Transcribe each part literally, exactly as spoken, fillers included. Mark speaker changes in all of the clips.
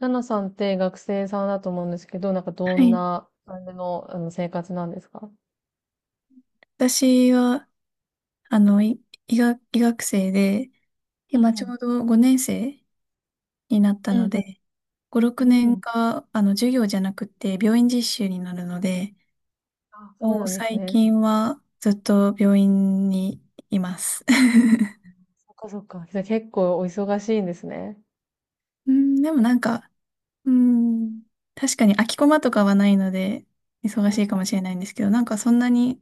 Speaker 1: ナナさんって学生さんだと思うんですけど、なんかど
Speaker 2: は
Speaker 1: ん
Speaker 2: い。
Speaker 1: な感じの、あの生活なんですか？
Speaker 2: 私は、あの、い医学、医学生で、
Speaker 1: う
Speaker 2: 今ちょ
Speaker 1: ん
Speaker 2: うどごねんせい生になった
Speaker 1: う
Speaker 2: の
Speaker 1: んうん。
Speaker 2: で、ご、6
Speaker 1: うん。う
Speaker 2: 年
Speaker 1: ん。
Speaker 2: が、あの、授業じゃなくて、病院実習になるので、
Speaker 1: あ、そう
Speaker 2: もう
Speaker 1: なんです
Speaker 2: 最
Speaker 1: ね。
Speaker 2: 近はずっと病院にいます。
Speaker 1: そっかそっか。じゃあ結構お忙しいんですね。
Speaker 2: うん、でもなんか、うん、確かに空きコマとかはないので、忙
Speaker 1: うん
Speaker 2: し
Speaker 1: う
Speaker 2: いかも
Speaker 1: ん
Speaker 2: しれないんですけど、なんかそんなに、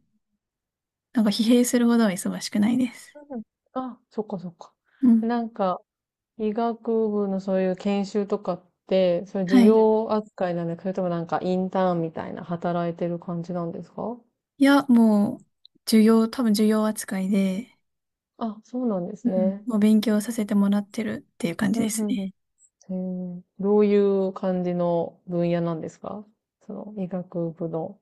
Speaker 2: なんか疲弊するほどは忙しくないです。
Speaker 1: うんうん。あ、そっかそっか。
Speaker 2: うん。
Speaker 1: なんか、医学部のそういう研修とかって、そういう授
Speaker 2: はい。
Speaker 1: 業扱いなんですか？それともなんかインターンみたいな働いてる感じなんですか？
Speaker 2: いや、もう、授業、多分授業扱いで、
Speaker 1: あ、そうなんで
Speaker 2: う
Speaker 1: すね。
Speaker 2: ん。もう勉強させてもらってるっていう感
Speaker 1: う
Speaker 2: じ
Speaker 1: ん
Speaker 2: で
Speaker 1: う
Speaker 2: す
Speaker 1: んうん。
Speaker 2: ね。
Speaker 1: へえ、どういう感じの分野なんですか？その医学部の、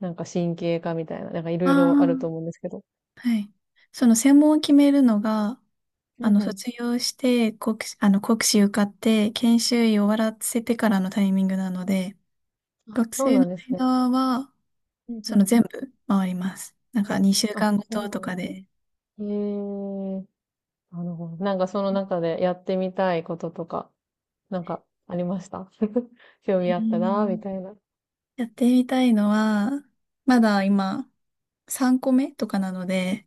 Speaker 1: なんか神経科みたいな、なんかい
Speaker 2: あ
Speaker 1: ろいろあると思うん
Speaker 2: あ、
Speaker 1: ですけど。
Speaker 2: はい。その専門を決めるのが、あ
Speaker 1: うん
Speaker 2: の、
Speaker 1: う
Speaker 2: 卒業して、国、あの、国試受かって、研修医終わらせてからのタイミングなので、
Speaker 1: ん。あ、
Speaker 2: 学
Speaker 1: そう
Speaker 2: 生
Speaker 1: な
Speaker 2: の
Speaker 1: んですね。
Speaker 2: 間は、
Speaker 1: うんう
Speaker 2: その
Speaker 1: ん。
Speaker 2: 全部回ります。なんか、
Speaker 1: うんうん。
Speaker 2: 2週
Speaker 1: あ、
Speaker 2: 間ご
Speaker 1: そう
Speaker 2: と
Speaker 1: な
Speaker 2: と
Speaker 1: んで
Speaker 2: か
Speaker 1: すね。
Speaker 2: で。
Speaker 1: へえ、なるほど。なんかその中でやってみたいこととか、なんかありました？ 興
Speaker 2: へ
Speaker 1: 味
Speaker 2: え。
Speaker 1: あったな、みたいな。
Speaker 2: やってみたいのは、まだ今、さんこめとかなので、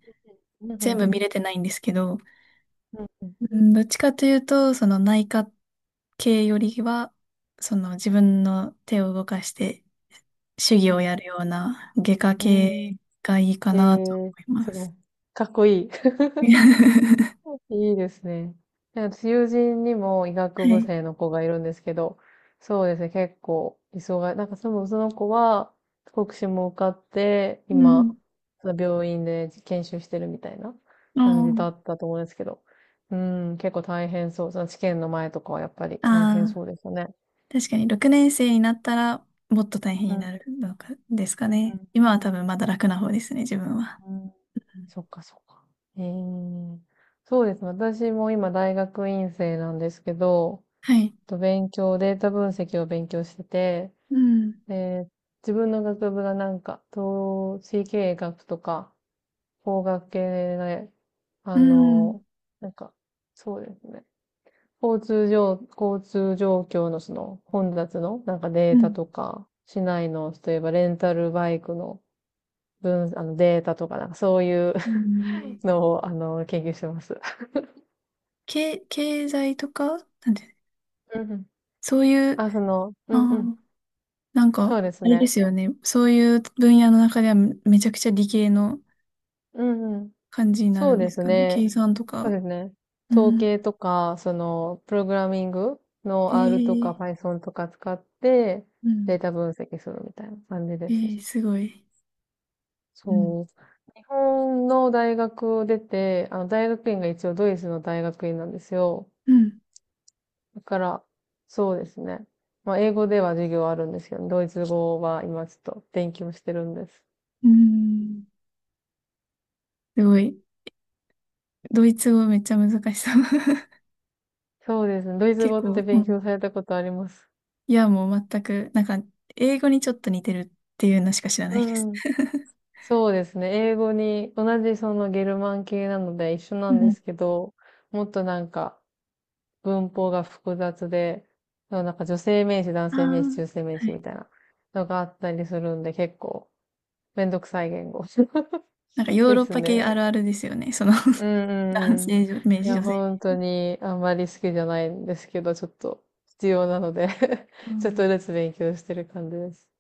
Speaker 1: うんうん
Speaker 2: 全
Speaker 1: う
Speaker 2: 部
Speaker 1: ん。
Speaker 2: 見れてないんですけど、
Speaker 1: うんうん。
Speaker 2: うん、どっちかというと、その内科系よりは、その自分の手を動かして手
Speaker 1: うん
Speaker 2: 技を
Speaker 1: う
Speaker 2: やるような外科
Speaker 1: ん。うん。
Speaker 2: 系がいいかなと思
Speaker 1: へえ、
Speaker 2: い
Speaker 1: す
Speaker 2: ま
Speaker 1: ご
Speaker 2: す。
Speaker 1: い。かっこいい。
Speaker 2: は
Speaker 1: いいですね。なんか友人にも医学部
Speaker 2: い。
Speaker 1: 生の子がいるんですけど、そうですね、結構、忙い。なんかその、その子は、国試も受かって、
Speaker 2: う
Speaker 1: 今、
Speaker 2: ん。
Speaker 1: その病院で研修してるみたいな感じだったと思うんですけど、うん、結構大変そう。その試験の前とかはやっぱり大変
Speaker 2: ああ
Speaker 1: そうですよね。
Speaker 2: ー、確かにろくねんせい生になったらもっと大変
Speaker 1: う
Speaker 2: に
Speaker 1: んう
Speaker 2: なる
Speaker 1: ん
Speaker 2: のかですかね。今は多分まだ楽な方ですね、自分は。
Speaker 1: うんうん。
Speaker 2: うん。
Speaker 1: そっかそっか。ええ。そうですね。私も今大学院生なんですけど、
Speaker 2: はい。
Speaker 1: と勉強、データ分析を勉強してて、
Speaker 2: うん。
Speaker 1: で、自分の学部がなんか、統計経営学とか、法学系で、あ
Speaker 2: うん。
Speaker 1: の、なんか、そうですね。交通状、交通状況のその混雑のなんかデ
Speaker 2: う
Speaker 1: ータ
Speaker 2: ん。
Speaker 1: とか、市内の、例えばレンタルバイクの分、あのデータとか、なんかそういう
Speaker 2: うん。
Speaker 1: のを、あの、研究してます。
Speaker 2: 経、経済とか、なんて、
Speaker 1: うんうん。
Speaker 2: そういう、
Speaker 1: あ、その、うんうん。
Speaker 2: あなん
Speaker 1: そ
Speaker 2: か、
Speaker 1: うです
Speaker 2: あれで
Speaker 1: ね。
Speaker 2: すよね。そういう分野の中ではめめちゃくちゃ理系の
Speaker 1: うんうん。
Speaker 2: 感じになる
Speaker 1: そう
Speaker 2: んで
Speaker 1: で
Speaker 2: す
Speaker 1: す
Speaker 2: かね。
Speaker 1: ね。
Speaker 2: 計算と
Speaker 1: そう
Speaker 2: か。
Speaker 1: ですね。
Speaker 2: う
Speaker 1: 統
Speaker 2: ん。
Speaker 1: 計とか、その、プログラミング
Speaker 2: え
Speaker 1: の R とか
Speaker 2: ー、
Speaker 1: Python とか使って、
Speaker 2: うん。
Speaker 1: データ分析するみたいな感じ
Speaker 2: え
Speaker 1: です
Speaker 2: ー、
Speaker 1: ね。
Speaker 2: すごい。うん。
Speaker 1: そう。日本の大学を出て、あの、大学院が一応ドイツの大学院なんですよ。
Speaker 2: うん。
Speaker 1: だから、そうですね。まあ、英語では授業あるんですけど、ドイツ語は今ちょっと勉強してるんです。
Speaker 2: うん。すごい。ドイツ語めっちゃ難しそう。
Speaker 1: そうですね。ドイツ
Speaker 2: 結
Speaker 1: 語って
Speaker 2: 構、う
Speaker 1: 勉
Speaker 2: ん。
Speaker 1: 強されたことあります？
Speaker 2: いや、もう全く、なんか、英語にちょっと似てるっていうのしか知らないです。
Speaker 1: うん。 そうですね。英語に、同じそのゲルマン系なので一緒
Speaker 2: う
Speaker 1: なんで
Speaker 2: ん。
Speaker 1: すけど、もっとなんか文法が複雑で、なんか女性名詞、男
Speaker 2: あ
Speaker 1: 性名詞、
Speaker 2: あ、
Speaker 1: 中性名
Speaker 2: は
Speaker 1: 詞
Speaker 2: い。
Speaker 1: みたいなのがあったりするんで、結構めんどくさい言語
Speaker 2: なんか ヨー
Speaker 1: で
Speaker 2: ロッ
Speaker 1: す
Speaker 2: パ系あ
Speaker 1: ね。
Speaker 2: るあるですよね。その
Speaker 1: うん
Speaker 2: 男
Speaker 1: うんうん。
Speaker 2: 性、女
Speaker 1: い
Speaker 2: 性、
Speaker 1: や、
Speaker 2: 女性。
Speaker 1: 本当にあんまり好きじゃないんですけど、ちょっと必要なので
Speaker 2: う
Speaker 1: ちょっと
Speaker 2: ん。
Speaker 1: ずつ勉強してる感じです。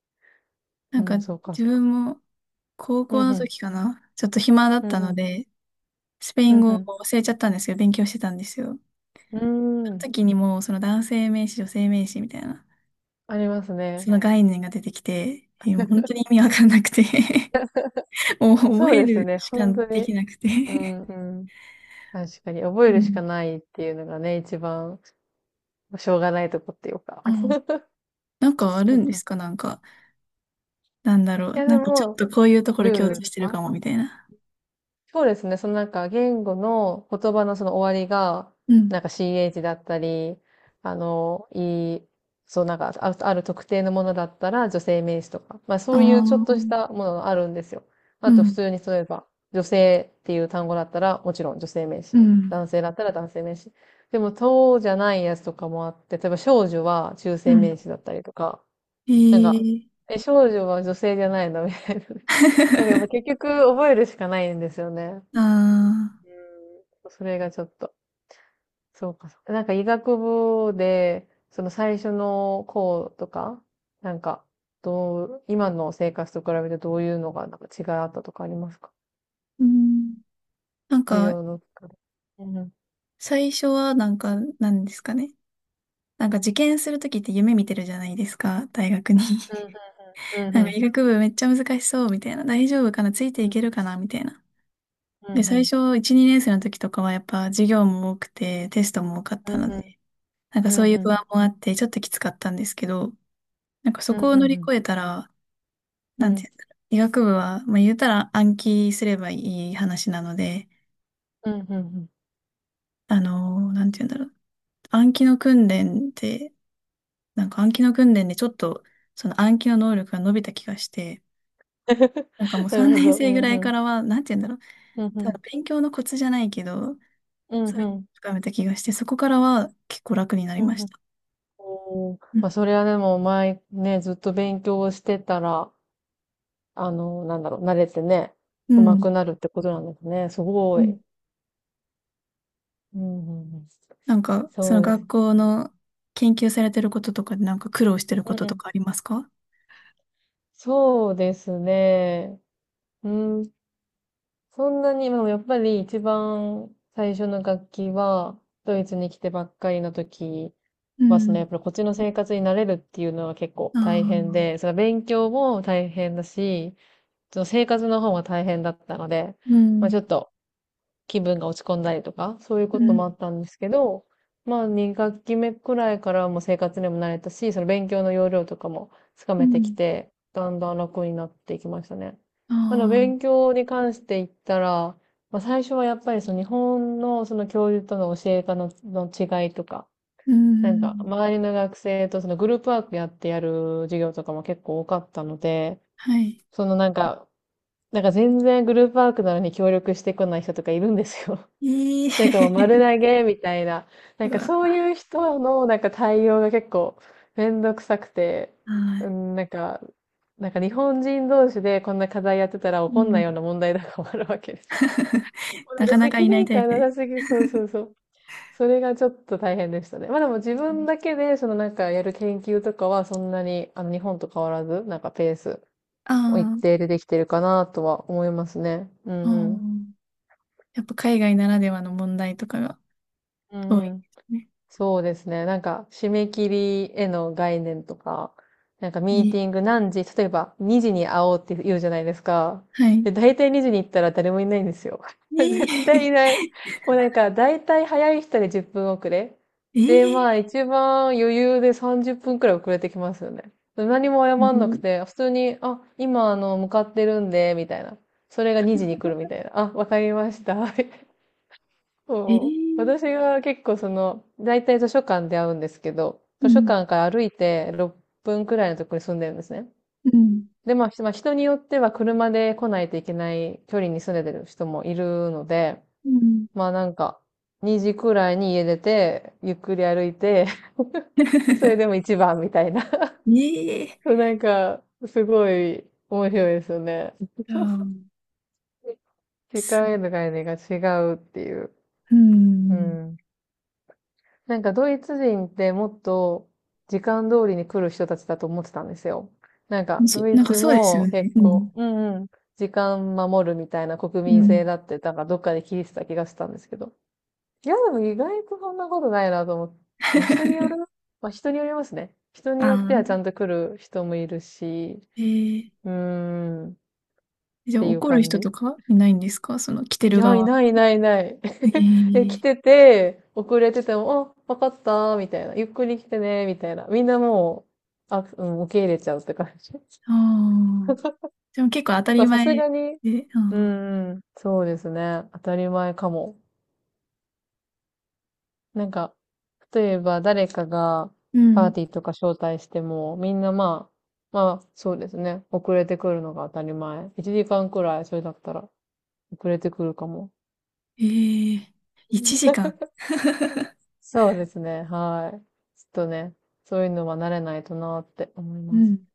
Speaker 2: な
Speaker 1: う
Speaker 2: んか
Speaker 1: ん、そうか
Speaker 2: 自
Speaker 1: そうか。
Speaker 2: 分も高
Speaker 1: う
Speaker 2: 校
Speaker 1: んう
Speaker 2: の
Speaker 1: ん。
Speaker 2: 時かな。ちょっと暇だ
Speaker 1: う
Speaker 2: った
Speaker 1: んう
Speaker 2: の
Speaker 1: ん。
Speaker 2: で、スペイ
Speaker 1: う
Speaker 2: ン
Speaker 1: ん
Speaker 2: 語
Speaker 1: う
Speaker 2: を
Speaker 1: ん。
Speaker 2: 忘れちゃったんですよ。勉強してたんですよ。
Speaker 1: うーん。
Speaker 2: その時にもうその男性名詞、女性名詞みたいな、
Speaker 1: あります
Speaker 2: そ
Speaker 1: ね。
Speaker 2: の概念が出てきて、えーもう本当に意味わかんなくて もう覚
Speaker 1: そう
Speaker 2: え
Speaker 1: です
Speaker 2: る
Speaker 1: ね。
Speaker 2: しか
Speaker 1: 本当
Speaker 2: でき
Speaker 1: に。
Speaker 2: なくて
Speaker 1: うん、うん。確かに。覚え
Speaker 2: う
Speaker 1: るし
Speaker 2: ん。
Speaker 1: かないっていうのがね、一番、しょうがないとこっていうか。
Speaker 2: うん。 なんかあ
Speaker 1: そ
Speaker 2: る
Speaker 1: う
Speaker 2: んで
Speaker 1: か。
Speaker 2: すか。なんか、なんだろ
Speaker 1: い
Speaker 2: う。
Speaker 1: や、
Speaker 2: な
Speaker 1: で
Speaker 2: んかちょっ
Speaker 1: も、
Speaker 2: とこういうところ
Speaker 1: ルー
Speaker 2: 共
Speaker 1: ル
Speaker 2: 通し
Speaker 1: と
Speaker 2: てる
Speaker 1: か、
Speaker 2: かも、みたいな。
Speaker 1: そうですね。そのなんか言語の言葉のその終わりが、
Speaker 2: うん。
Speaker 1: なんか ch だったり、あの、いい、そうなんかあ、ある特定のものだったら女性名詞とか、まあ
Speaker 2: あ
Speaker 1: そういうちょっと
Speaker 2: あ、
Speaker 1: したものがあるんですよ。
Speaker 2: う
Speaker 1: あと普
Speaker 2: ん。
Speaker 1: 通に例えば、女性っていう単語だったらもちろん女性名詞。
Speaker 2: うん。
Speaker 1: 男性だったら男性名詞。でも、そうじゃないやつとかもあって、例えば少女は中
Speaker 2: う
Speaker 1: 性
Speaker 2: ん。
Speaker 1: 名詞だったりとか、なんか、
Speaker 2: ええ
Speaker 1: え、少女は女性じゃないのみたいな。だからやっぱ結 局覚えるしかないんですよね。
Speaker 2: ああ。
Speaker 1: うん、それがちょっと。そうかそうか。なんか医学部で、その最初の項とか、なんか、どう、今の生活と比べてどういうのがなんか違いあったとかありますか？
Speaker 2: うん。なん
Speaker 1: 授
Speaker 2: か、
Speaker 1: 業の中で。うんうん。
Speaker 2: 最初はなんか、なんですかね。なんか受験するときって夢見てるじゃないですか、大学に。
Speaker 1: うん うんう
Speaker 2: なんか
Speaker 1: ん。
Speaker 2: 医学部めっちゃ難しそう、みたいな。大丈夫かなつい
Speaker 1: う
Speaker 2: てい
Speaker 1: ん
Speaker 2: けるかなみたいな。
Speaker 1: う
Speaker 2: で、
Speaker 1: んう
Speaker 2: 最
Speaker 1: ん。
Speaker 2: 初いち、にねんせい生の時とかはやっぱ授業も多くて、テストも多かっ
Speaker 1: う
Speaker 2: たの
Speaker 1: んうん。
Speaker 2: で、なんか
Speaker 1: う
Speaker 2: そうい
Speaker 1: ん
Speaker 2: う
Speaker 1: う
Speaker 2: 不
Speaker 1: ん。
Speaker 2: 安もあって、ちょっときつかったんですけど、なんかそ
Speaker 1: うん
Speaker 2: こを乗り
Speaker 1: うん。
Speaker 2: 越えたら、
Speaker 1: う
Speaker 2: な
Speaker 1: ん
Speaker 2: ん
Speaker 1: う
Speaker 2: て
Speaker 1: ん。
Speaker 2: 言うんだろう。医学部は、まあ言うたら暗記すればいい話なので、
Speaker 1: うんうん
Speaker 2: あのーなんて言うんだろう。暗記の訓練って、なんか暗記の訓練でちょっとその暗記の能力が伸びた気がして、なんかもう
Speaker 1: なるほ
Speaker 2: 3
Speaker 1: ど。
Speaker 2: 年
Speaker 1: う
Speaker 2: 生ぐ
Speaker 1: ん
Speaker 2: ら
Speaker 1: う
Speaker 2: いか
Speaker 1: ん。
Speaker 2: らは、なんて言うんだろう、
Speaker 1: うんう
Speaker 2: ただ
Speaker 1: ん。
Speaker 2: 勉強のコツじゃないけど、
Speaker 1: うん
Speaker 2: そうい
Speaker 1: う
Speaker 2: うのを
Speaker 1: ん。
Speaker 2: 深めた気がして、そこからは結構楽になり
Speaker 1: う
Speaker 2: ま
Speaker 1: ん
Speaker 2: し
Speaker 1: うん。
Speaker 2: た。
Speaker 1: おー、
Speaker 2: うん。
Speaker 1: まあ、それはでも前ね、ずっと勉強をしてたら、あの、なんだろう、慣れてね、
Speaker 2: う
Speaker 1: 上手
Speaker 2: ん。
Speaker 1: くなるってことなんですね。すご
Speaker 2: う
Speaker 1: い。
Speaker 2: ん。
Speaker 1: うんうんうん、
Speaker 2: なんか、そ
Speaker 1: そ
Speaker 2: の
Speaker 1: うです
Speaker 2: 学
Speaker 1: ね。
Speaker 2: 校の研究されてることとかでなんか苦労してるこ
Speaker 1: うん
Speaker 2: と
Speaker 1: う
Speaker 2: と
Speaker 1: ん。
Speaker 2: かありますか。
Speaker 1: そうですね。うん。そんなに、でもやっぱり一番最初の楽器は、ドイツに来てばっかりの時
Speaker 2: う
Speaker 1: は、そのや
Speaker 2: ん。
Speaker 1: っぱりこっちの生活に慣れるっていうのは結構
Speaker 2: あ
Speaker 1: 大変
Speaker 2: あ。
Speaker 1: で、その勉強も大変だし、その生活の方も大変だったので、
Speaker 2: う
Speaker 1: まあちょ
Speaker 2: ん。
Speaker 1: っと気分が落ち込んだりとか、そういうこ
Speaker 2: う
Speaker 1: ともあ
Speaker 2: ん。
Speaker 1: ったんですけど、まあに学期目くらいからはもう生活にも慣れたし、その勉強の要領とかもつか
Speaker 2: う
Speaker 1: めてき
Speaker 2: ん。
Speaker 1: て、だんだん楽になっていきましたね。まあ、でも
Speaker 2: ああ。
Speaker 1: 勉強に関して言ったら、まあ最初はやっぱりその日本のその教授との教え方の、の違いとか、
Speaker 2: う
Speaker 1: なんか
Speaker 2: ん。
Speaker 1: 周りの学生とそのグループワークやってやる授業とかも結構多かったので、
Speaker 2: はい。
Speaker 1: そのなんか、なんか全然グループワークなのに協力してこない人とかいるんですよ。
Speaker 2: え
Speaker 1: なんかもう丸
Speaker 2: え
Speaker 1: 投げみたいな。なん
Speaker 2: う
Speaker 1: か
Speaker 2: わ。
Speaker 1: そういう人のなんか対応が結構めんどくさくて、
Speaker 2: は
Speaker 1: う
Speaker 2: い。
Speaker 1: ん、なんか、なんか日本人同士でこんな課題やってたら
Speaker 2: う
Speaker 1: 怒んない
Speaker 2: ん
Speaker 1: ような問題とかもあるわけです。もうなん
Speaker 2: な
Speaker 1: か
Speaker 2: かなか
Speaker 1: 責
Speaker 2: いない
Speaker 1: 任
Speaker 2: タイ
Speaker 1: 感
Speaker 2: プ
Speaker 1: な
Speaker 2: で
Speaker 1: さ
Speaker 2: す。
Speaker 1: すぎ、そうそうそう。それがちょっと大変でしたね。まあでも自分だけでそのなんかやる研究とかはそんなにあの日本と変わらず、なんかペースを一
Speaker 2: あ
Speaker 1: 定でできてるかなとは思いますね。う
Speaker 2: あ
Speaker 1: ん
Speaker 2: ー、あ
Speaker 1: うん。
Speaker 2: ー、やっぱ海外ならではの問題とかが
Speaker 1: う
Speaker 2: 多い
Speaker 1: んう
Speaker 2: で
Speaker 1: ん。
Speaker 2: すね。
Speaker 1: そうですね。なんか、締め切りへの概念とか、なんかミーテ
Speaker 2: ね。
Speaker 1: ィング何時、例えばにじに会おうって言うじゃないですか。
Speaker 2: はい。
Speaker 1: で、大体にじに行ったら誰もいないんですよ。
Speaker 2: ね
Speaker 1: 絶対い
Speaker 2: え。
Speaker 1: ない。もうなんか、大体早い人でじゅっぷん遅れ。
Speaker 2: え
Speaker 1: で、まあ、
Speaker 2: え。
Speaker 1: 一番余裕でさんじゅっぷんくらい遅れてきますよね。何も謝んなくて、普通に、あ、今、あの、向かってるんで、みたいな。それがにじに来るみたいな。あ、わかりました。
Speaker 2: え
Speaker 1: そう。
Speaker 2: え。
Speaker 1: 私が結構その、だいたい図書館で会うんですけど、
Speaker 2: う
Speaker 1: 図書
Speaker 2: ん。
Speaker 1: 館から歩いてろっぷんくらいのところに住んでるんですね。
Speaker 2: うん。
Speaker 1: で、まあ、ひまあ、人によっては車で来ないといけない距離に住んでる人もいるので、
Speaker 2: うん。
Speaker 1: まあなんか、にじくらいに家出て、ゆっくり歩いて、それでも 一番みたいな。
Speaker 2: ねえ。
Speaker 1: そう、なんか、すごい面白いですよね。
Speaker 2: ああ、
Speaker 1: 時間へ
Speaker 2: す、
Speaker 1: の概念が違うっていう。
Speaker 2: う
Speaker 1: う
Speaker 2: ん。
Speaker 1: ん。なんかドイツ人ってもっと時間通りに来る人たちだと思ってたんですよ。なんかド
Speaker 2: し
Speaker 1: イ
Speaker 2: なんか
Speaker 1: ツ
Speaker 2: そうですよ
Speaker 1: も
Speaker 2: ね。
Speaker 1: 結
Speaker 2: うん。
Speaker 1: 構、うんうん、時間守るみたいな国民
Speaker 2: う
Speaker 1: 性
Speaker 2: ん。
Speaker 1: だって、なんかどっかで聞いてた気がしたんですけど。いや、でも意外とそんなことないなと思って、まあ、人による、まあ、人によりますね。人に
Speaker 2: あ
Speaker 1: よってはち
Speaker 2: あ、
Speaker 1: ゃんと来る人もいるし、
Speaker 2: ええ。
Speaker 1: うーん、っ
Speaker 2: じゃあ
Speaker 1: ていう
Speaker 2: 怒る
Speaker 1: 感
Speaker 2: 人
Speaker 1: じ。
Speaker 2: とかいないんですかその来て
Speaker 1: い
Speaker 2: る
Speaker 1: や、い
Speaker 2: 側。
Speaker 1: ないいないいない。
Speaker 2: え
Speaker 1: え、来
Speaker 2: え。
Speaker 1: てて、遅れてても、あ、わかったみたいな。ゆっくり来てね、みたいな。みんなもう、あ、うん、受け入れちゃうって感じ。
Speaker 2: ああ。でも結構当た
Speaker 1: ま
Speaker 2: り
Speaker 1: あ、さ
Speaker 2: 前
Speaker 1: す
Speaker 2: で、
Speaker 1: がに、
Speaker 2: う
Speaker 1: う
Speaker 2: ん。
Speaker 1: ん、そうですね。当たり前かも。なんか、例えば誰かが
Speaker 2: う
Speaker 1: パー
Speaker 2: ん。
Speaker 1: ティーとか招待しても、みんなまあ、まあ、そうですね。遅れてくるのが当たり前。いちじかんくらい、それだったら、遅れてくるかも。
Speaker 2: ええ。いちじかん。
Speaker 1: そうですね。はい。ちょっとね、そういうのは慣れないとなって思い
Speaker 2: う
Speaker 1: ます。
Speaker 2: ん。